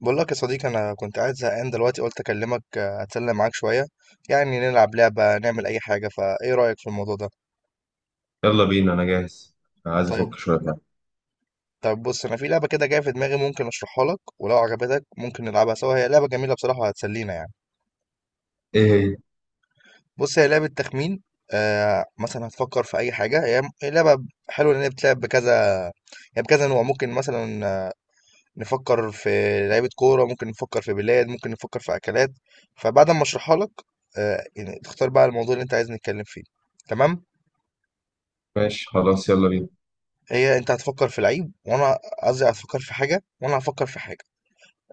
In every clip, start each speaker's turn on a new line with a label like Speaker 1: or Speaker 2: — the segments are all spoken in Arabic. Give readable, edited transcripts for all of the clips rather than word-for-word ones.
Speaker 1: بقول لك يا صديقي انا كنت قاعد زهقان دلوقتي قلت اكلمك اتسلى معاك شويه. يعني نلعب لعبه نعمل اي حاجه، فايه رايك في الموضوع ده؟
Speaker 2: يلا بينا، انا جاهز. عايز افك
Speaker 1: طيب.
Speaker 2: شويه بقى.
Speaker 1: طيب بص، انا في لعبه كده جايه في دماغي، ممكن اشرحها لك ولو عجبتك ممكن نلعبها سوا. هي لعبه جميله بصراحه وهتسلينا يعني.
Speaker 2: ايه هي؟
Speaker 1: بص، هي لعبه تخمين. مثلا هتفكر في اي حاجه. هي لعبه حلوه لان هي بتلعب بكذا يعني، بكذا نوع. ممكن مثلا نفكر في لعيبة كورة، ممكن نفكر في بلاد، ممكن نفكر في أكلات. فبعد ما أشرحها لك يعني تختار بقى الموضوع اللي أنت عايز نتكلم فيه. تمام.
Speaker 2: ماشي، خلاص، يلا بينا.
Speaker 1: هي أنت هتفكر في لعيب، وأنا قصدي هتفكر في حاجة وأنا هفكر في حاجة.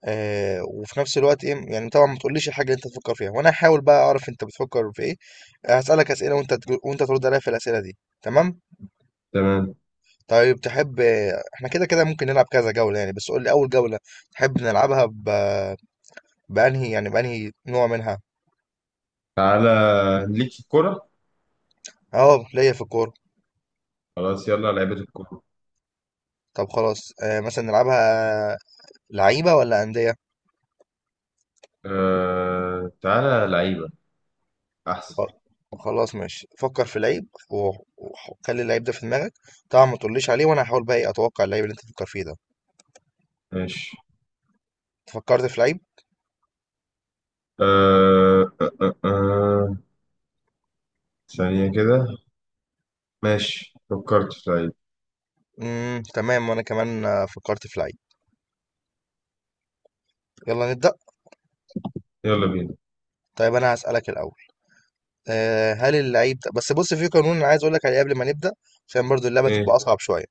Speaker 1: وفي نفس الوقت إيه يعني. طبعا ما تقوليش الحاجة اللي أنت هتفكر فيها، وأنا هحاول بقى أعرف أنت بتفكر في إيه. هسألك أسئلة وأنت وأنت ترد عليا في الأسئلة دي. تمام؟
Speaker 2: تمام.
Speaker 1: طيب، تحب؟ إحنا كده كده ممكن نلعب كذا جولة يعني، بس قول لي أول جولة تحب نلعبها بأنهي يعني، بأنهي نوع منها؟
Speaker 2: تعالى، ليك في الكوره.
Speaker 1: اه، ليا في الكورة.
Speaker 2: خلاص، يلا لعيبه الكوره.
Speaker 1: طب خلاص، مثلا نلعبها لعيبة ولا أندية؟
Speaker 2: تعالى لعيبه احسن.
Speaker 1: خ- خلاص ماشي، فكر في لعيب وخلي اللعيب ده في دماغك. طبعا ما تقوليش عليه، وانا هحاول بقى إيه، اتوقع اللعيب اللي انت تفكر فيه ده.
Speaker 2: ماشي.
Speaker 1: فكرت في لعيب.
Speaker 2: آه... آه... آه... آه. ثانيه كده. ماشي، فكرت في لعيب.
Speaker 1: تمام. وانا كمان فكرت في لعيب. يلا نبدأ.
Speaker 2: يلا بينا.
Speaker 1: طيب انا هسألك الاول. أه، هل اللعيب ده... بس بص، في قانون انا عايز اقول لك عليه قبل ما نبدأ عشان برضو اللعبة تبقى
Speaker 2: ايه،
Speaker 1: اصعب شوية.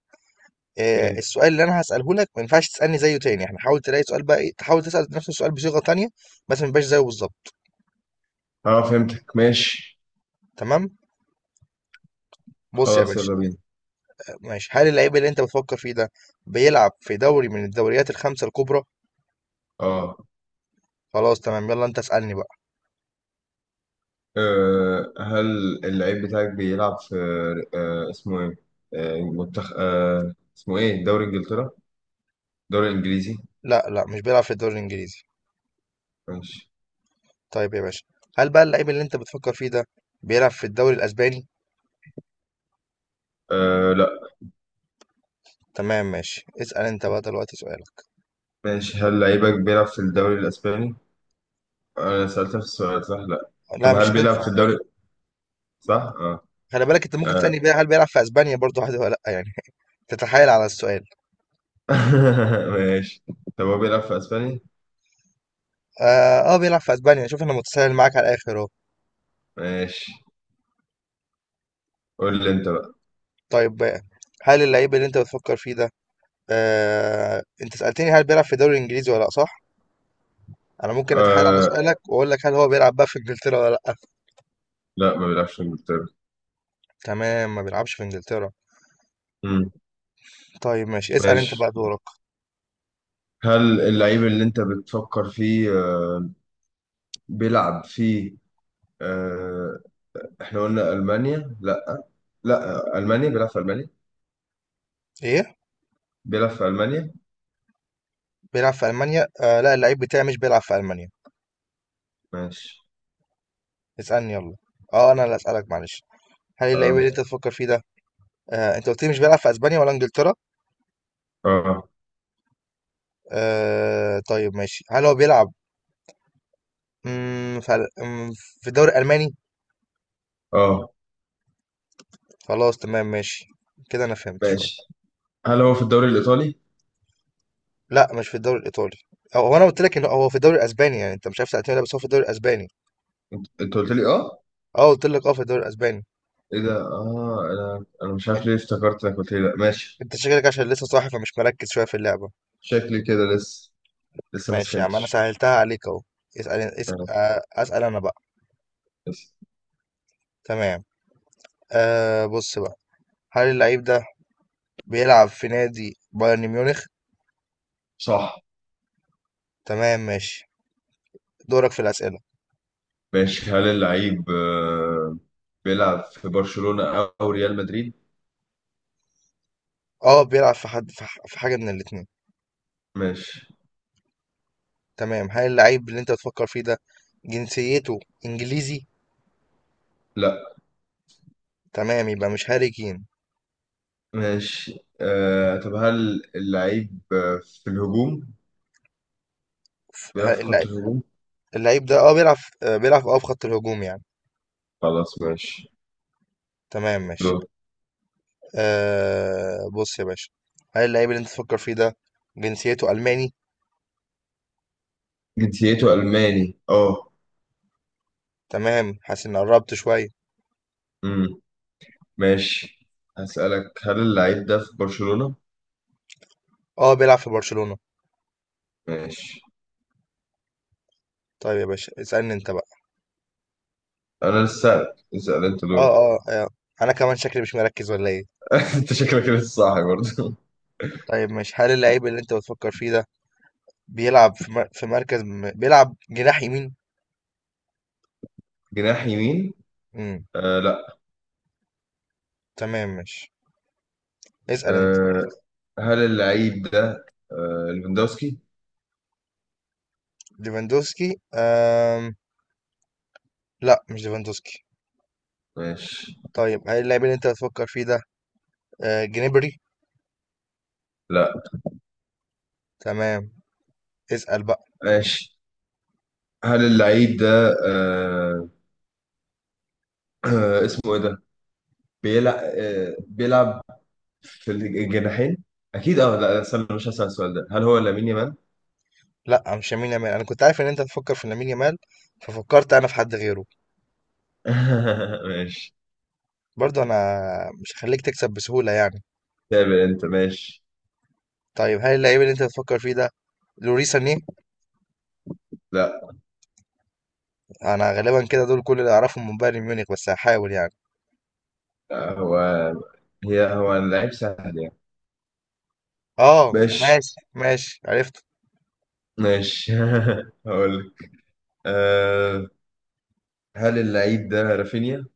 Speaker 1: أه،
Speaker 2: ايه.
Speaker 1: السؤال اللي انا هسأله لك ما ينفعش تسألني زيه تاني. احنا حاول تلاقي سؤال بقى إيه، تحاول تسأل نفس السؤال بصيغة تانية بس ما يبقاش زيه بالظبط.
Speaker 2: اه، فهمتك، ماشي.
Speaker 1: تمام؟ بُص يا
Speaker 2: خلاص،
Speaker 1: باشا،
Speaker 2: يلا بينا.
Speaker 1: ماشي، هل اللعيب اللي أنت بتفكّر فيه ده بيلعب في دوري من الدوريات ال5 الكُبرى؟
Speaker 2: اه
Speaker 1: خلاص تمام، يالّا أنت اسألني بقى.
Speaker 2: أه هل اللعيب بتاعك بيلعب في اسمه ايه؟ منتخب اسمه ايه؟ دوري انجلترا؟ دوري انجليزي؟
Speaker 1: لأ، لأ، مش بيلعب في الدوري الإنجليزي.
Speaker 2: ماشي.
Speaker 1: طيب يا باشا، هل بقى اللعيب اللي أنت بتفكّر فيه ده بيلعب في الدوري الأسباني؟
Speaker 2: لا.
Speaker 1: تمام ماشي، اسأل أنت بقى دلوقتي سؤالك.
Speaker 2: ماشي، هل لعيبك بيلعب في الدوري الاسباني؟ انا سألت نفس السؤال، صح؟ لا.
Speaker 1: لأ،
Speaker 2: طب
Speaker 1: مش
Speaker 2: هل بيلعب
Speaker 1: هتنفع.
Speaker 2: في الدوري، صح؟ اه،
Speaker 1: خلي بالك، أنت ممكن
Speaker 2: آه.
Speaker 1: تسألني بقى هل بيلعب في أسبانيا برضه عادي والّا لأ يعني تتحايل على السؤال.
Speaker 2: ماشي. طب هو بيلعب في اسباني؟
Speaker 1: آه بيلعب في أسبانيا. شوف، أنا متساهل معاك على الآخر أهو.
Speaker 2: ماشي، قول لي انت بقى.
Speaker 1: طيب، بقى، هل اللعيب اللي أنت بتفكّر فيه ده... انت سألتني هل بيلعب في الدوري الانجليزي ولا لا، صح؟ انا ممكن اتحايل على
Speaker 2: أه
Speaker 1: سؤالك واقول لك هل هو بيلعب بقى في انجلترا ولا لا.
Speaker 2: لا، ما بيلعبش في انجلترا.
Speaker 1: تمام، ما بيلعبش في انجلترا.
Speaker 2: مم.
Speaker 1: طيب ماشي، اسأل انت
Speaker 2: ماشي،
Speaker 1: بقى دورك.
Speaker 2: هل اللعيب اللي انت بتفكر فيه بيلعب في آه، احنا قلنا ألمانيا، لا. لا ألمانيا، بيلعب في ألمانيا.
Speaker 1: ايه،
Speaker 2: بيلعب في ألمانيا.
Speaker 1: بيلعب في المانيا؟ لا، اللعيب بتاعي مش بيلعب في المانيا.
Speaker 2: ماشي.
Speaker 1: اسألني يلا. اه، انا اللي اسألك، معلش. هل اللعيب
Speaker 2: اه،
Speaker 1: اللي انت تفكر فيه ده... انت قلت لي مش بيلعب في اسبانيا ولا انجلترا.
Speaker 2: اه،
Speaker 1: طيب ماشي، هل هو بيلعب مم، في ال- مم، في الدوري الالماني؟
Speaker 2: اه.
Speaker 1: خلاص تمام ماشي، كده انا فهمت شوية.
Speaker 2: ماشي، هل هو في الدوري الإيطالي؟
Speaker 1: لأ، مش في الدوري الإيطالي. أو هو، أنا قُلت لك إن هو في الدوري الأسباني يعني، أنت مش عارف تعتمدها بس هو في الدوري الأسباني.
Speaker 2: انت قلت لي، اه.
Speaker 1: آه قُلت لك في الدوري الأسباني.
Speaker 2: ايه ده؟ اه انا مش
Speaker 1: أن
Speaker 2: عارف ليه افتكرت انك قلت لي لا. ماشي.
Speaker 1: أنت شكلك عشان لسه صاحي فمش مركّز شوية في اللعبة.
Speaker 2: شكلي كده لسه ما
Speaker 1: ماشي يا عم، أنا
Speaker 2: سخنتش.
Speaker 1: سهّلتها عليك أهو. اسأل أن اس
Speaker 2: آه،
Speaker 1: أسأل أنا بقى.
Speaker 2: لسه.
Speaker 1: تمام. بُص بقى، هل اللعيب ده بيلعب في نادي بايرن ميونخ؟
Speaker 2: صح.
Speaker 1: تمام ماشي، دورك في الأسئلة.
Speaker 2: ماشي، هل اللعيب بيلعب في برشلونة أو ريال مدريد؟
Speaker 1: آه بيلعب في حد، في حاجة من الاتنين.
Speaker 2: ماشي.
Speaker 1: تمام، هل اللعيب اللي أنت بتفكّر فيه ده جنسيته إنجليزي؟
Speaker 2: لا.
Speaker 1: تمام، يبقى مش هاري كين.
Speaker 2: ماشي، طب هل اللعيب في الهجوم،
Speaker 1: ف
Speaker 2: بيلعب
Speaker 1: ه
Speaker 2: في
Speaker 1: اللع
Speaker 2: خط الهجوم؟
Speaker 1: اللعيب ده اه بيلعب، بيلعب اه في خط الهجوم يعني.
Speaker 2: خلاص، ماشي.
Speaker 1: تمام ماشي.
Speaker 2: دور.
Speaker 1: آه بص يا باشا، هل اللعيب اللي انت تفكر فيه ده جنسيته ألماني؟
Speaker 2: جنسيته ألماني، اه.
Speaker 1: تمام، حاسس اني قربت شوية.
Speaker 2: امم. ماشي، هسألك، هل اللعيب ده في برشلونة؟
Speaker 1: اه بيلعب في برشلونة.
Speaker 2: ماشي.
Speaker 1: طيب يا باشا اسألني انت بقى.
Speaker 2: أنا لسه سألك، اسأل أنت دور.
Speaker 1: اه اه آه، انا كمان شكلي مش مركز ولا ايه.
Speaker 2: أنت شكلك لسه صاحي برضه.
Speaker 1: طيب ماشي، هل اللعيب اللي انت بتفكر فيه ده بيلعب في مر... في مركز م... بيلعب جناح يمين؟
Speaker 2: جناح يمين؟
Speaker 1: امم
Speaker 2: لا.
Speaker 1: تمام ماشي، اسأل انت.
Speaker 2: آه هل اللعيب ده ليفاندوسكي؟
Speaker 1: ليفاندوسكي لا، مش ليفاندوسكي.
Speaker 2: ماشي.
Speaker 1: طيب هل اللعيب اللي انت بتفكر فيه ده جنبري؟
Speaker 2: لا.
Speaker 1: تمام، اسأل بقى.
Speaker 2: ماشي، هل اللعيب ده اسمه إيه ده؟ بيلعب في الجناحين اكيد، اه، لا، لا، استنى، مش هسأل السؤال ده. هل هو لامين يامال؟
Speaker 1: لأ، مش لامين يامال. أنا كنت عارف إن أنت هتفكر في لامين يامال، ففكرت أنا في حد غيره.
Speaker 2: ماشي.
Speaker 1: برضه أنا مش هاخليك تكسب بسهولة يعني.
Speaker 2: تابع انت. ماشي.
Speaker 1: طيب هل اللعيب اللي أنت بتفكر فيه ده لوريس سانيه؟
Speaker 2: لا،
Speaker 1: أنا غالبا كده دول كل اللي أعرفهم من بايرن ميونخ، بس هحاول يعني.
Speaker 2: هو هو اللعيب سهل يعني.
Speaker 1: آه
Speaker 2: ماشي،
Speaker 1: ماشي ماشي، عرفت.
Speaker 2: ماشي. هقول لك، أه هل اللعيب ده رافينيا؟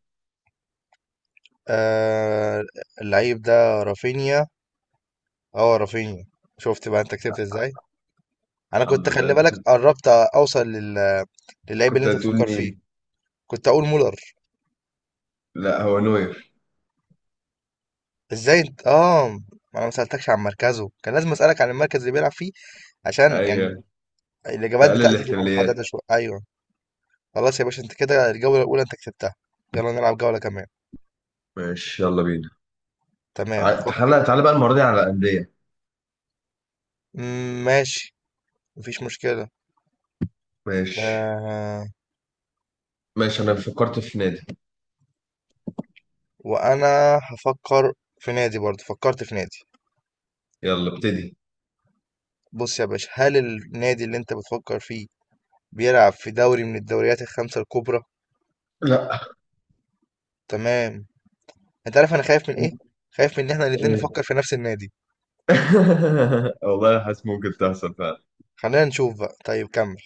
Speaker 1: آه اللعيب ده رافينيا. آه رافينيا. شفت بقى أنت كسبت إزاي؟ أنا
Speaker 2: الحمد
Speaker 1: كنت
Speaker 2: لله،
Speaker 1: خلي
Speaker 2: انت
Speaker 1: بالك،
Speaker 2: كنت.
Speaker 1: قربت أوصل للعيب اللي
Speaker 2: كنت
Speaker 1: أنت
Speaker 2: هتقول
Speaker 1: بتفكر فيه.
Speaker 2: مين؟
Speaker 1: كنت أقول مولر.
Speaker 2: لا، هو نوير.
Speaker 1: ازاي انت اه ما انا ما سالتكش عن مركزه، كان لازم اسالك عن المركز اللي بيلعب فيه، عشان يعني
Speaker 2: ايوه.
Speaker 1: الاجابات
Speaker 2: تقلل
Speaker 1: بتاعتي تبقى
Speaker 2: الاحتماليات.
Speaker 1: محدده شويه. ايوه. خلاص يا باشا، انت كده الجوله الاولى انت كسبتها. يلا نلعب جوله كمان.
Speaker 2: ماشي، يلا بينا.
Speaker 1: تمام
Speaker 2: تعالى تعالى بقى، المرة دي على الأندية.
Speaker 1: ماشي، مفيش مشكله.
Speaker 2: ماشي.
Speaker 1: آه...
Speaker 2: ماشي، أنا فكرت في نادي.
Speaker 1: وانا هفكر في نادي، برضه فكرت في نادي.
Speaker 2: يلا ابتدي.
Speaker 1: بص يا باشا، هل النادي اللي انت بتفكر فيه بيلعب في دوري من الدوريات الخمسه الكبرى؟
Speaker 2: لا.
Speaker 1: تمام. انت عارف انا خايف من ايه؟ خايف من ان احنا الاتنين نفكر في نفس النادي.
Speaker 2: والله، حاسس ممكن تحصل فعلا.
Speaker 1: خلينا نشوف بقى، طيب كمل.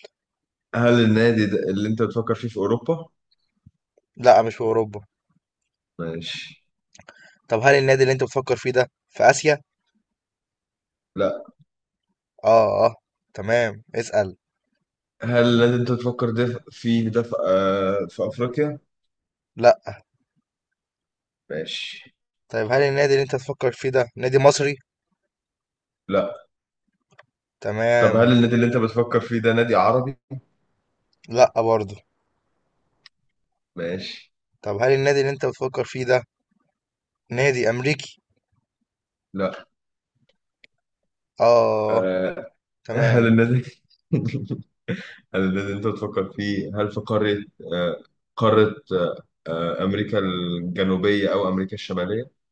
Speaker 2: هل النادي ده اللي انت بتفكر فيه في اوروبا؟
Speaker 1: لا، مش في اوروبا.
Speaker 2: ماشي.
Speaker 1: طب هل النادي اللي انت بتفكر فيه ده في اسيا؟
Speaker 2: لا.
Speaker 1: اه اه تمام، اسأل.
Speaker 2: هل النادي اللي انت بتفكر فيه ده في افريقيا؟
Speaker 1: لا.
Speaker 2: ماشي.
Speaker 1: طيب هل النادي اللي انت بتفكر فيه ده نادي مصري؟
Speaker 2: لا. طب هل
Speaker 1: تمام.
Speaker 2: النادي اللي انت بتفكر فيه ده نادي عربي؟
Speaker 1: لا برضه.
Speaker 2: ماشي.
Speaker 1: طب هل النادي اللي انت بتفكر فيه ده نادي امريكي؟
Speaker 2: لا.
Speaker 1: اه
Speaker 2: آه،
Speaker 1: تمام.
Speaker 2: هل النادي هل النادي اللي انت بتفكر فيه، هل في قارة، آه قارة آه امريكا الجنوبية او امريكا الشمالية؟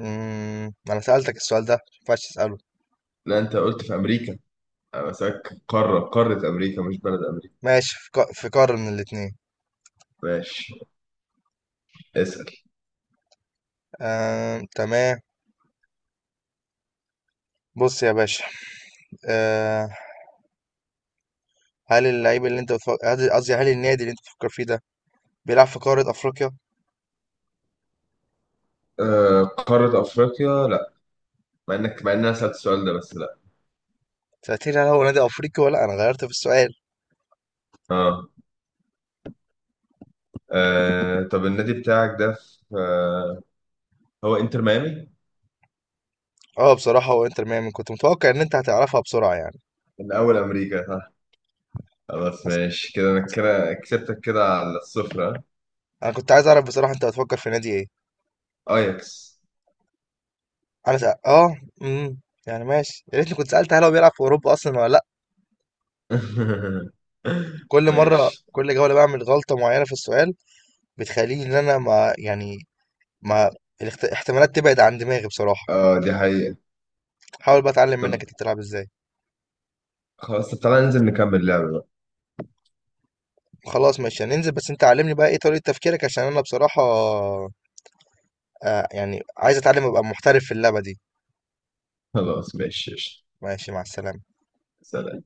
Speaker 1: انا سألتك السؤال ده، ما ينفعش تسأله.
Speaker 2: لا، انت قلت في امريكا. انا بسألك قارة، قارة امريكا، مش بلد امريكا.
Speaker 1: ماشي، في قارة من الاتنين.
Speaker 2: ماشي. اسأل.
Speaker 1: تمام. بص يا باشا، آه، هل اللعيب اللي انت بتفكر... قصدي هل النادي اللي انت بتفكر فيه ده بيلعب في قارة افريقيا؟
Speaker 2: آه، قارة أفريقيا، لا. مع إن أنا سألت السؤال ده، بس لا.
Speaker 1: سألتني هل هو نادي أفريقي ولا لأ؟ أنا غيرت في السؤال.
Speaker 2: آه, طب، النادي بتاعك ده في آه هو إنتر ميامي؟
Speaker 1: أه بصراحة هو إنتر ميامي. كنت متوقع إن أنت هتعرفها بسرعة يعني.
Speaker 2: الأول أمريكا، صح. خلاص،
Speaker 1: بس
Speaker 2: ماشي كده، أنا
Speaker 1: بس
Speaker 2: كده كسبتك كده على الصفر، آه.
Speaker 1: أنا كنت عايز أعرف بصراحة أنت هتفكر في نادي إيه.
Speaker 2: أياكس.
Speaker 1: أنا سأ... أه أمم يعني ماشي، يا ريتني كنت سألت هل هو بيلعب في أوروبا أصلا ولا لأ. كل مرة،
Speaker 2: ماشي.
Speaker 1: كل جولة بعمل غلطة معينة في السؤال، بتخليني إن أنا ما يعني، ما الاحتمالات تبعد عن دماغي بصراحة.
Speaker 2: دي حقيقة.
Speaker 1: حاول بقى أتعلم
Speaker 2: طب
Speaker 1: منك أنت بتلعب إزاي.
Speaker 2: خلاص، طب تعالى ننزل نكمل لعبة بقى.
Speaker 1: خلاص ماشي هننزل، بس أنت علمني بقى إيه طريقة تفكيرك، عشان أنا بصراحة يعني عايز أتعلم أبقى محترف في اللعبة دي.
Speaker 2: خلاص، ماشي، قشطة.
Speaker 1: ماشي، مع السلامة.
Speaker 2: سلام.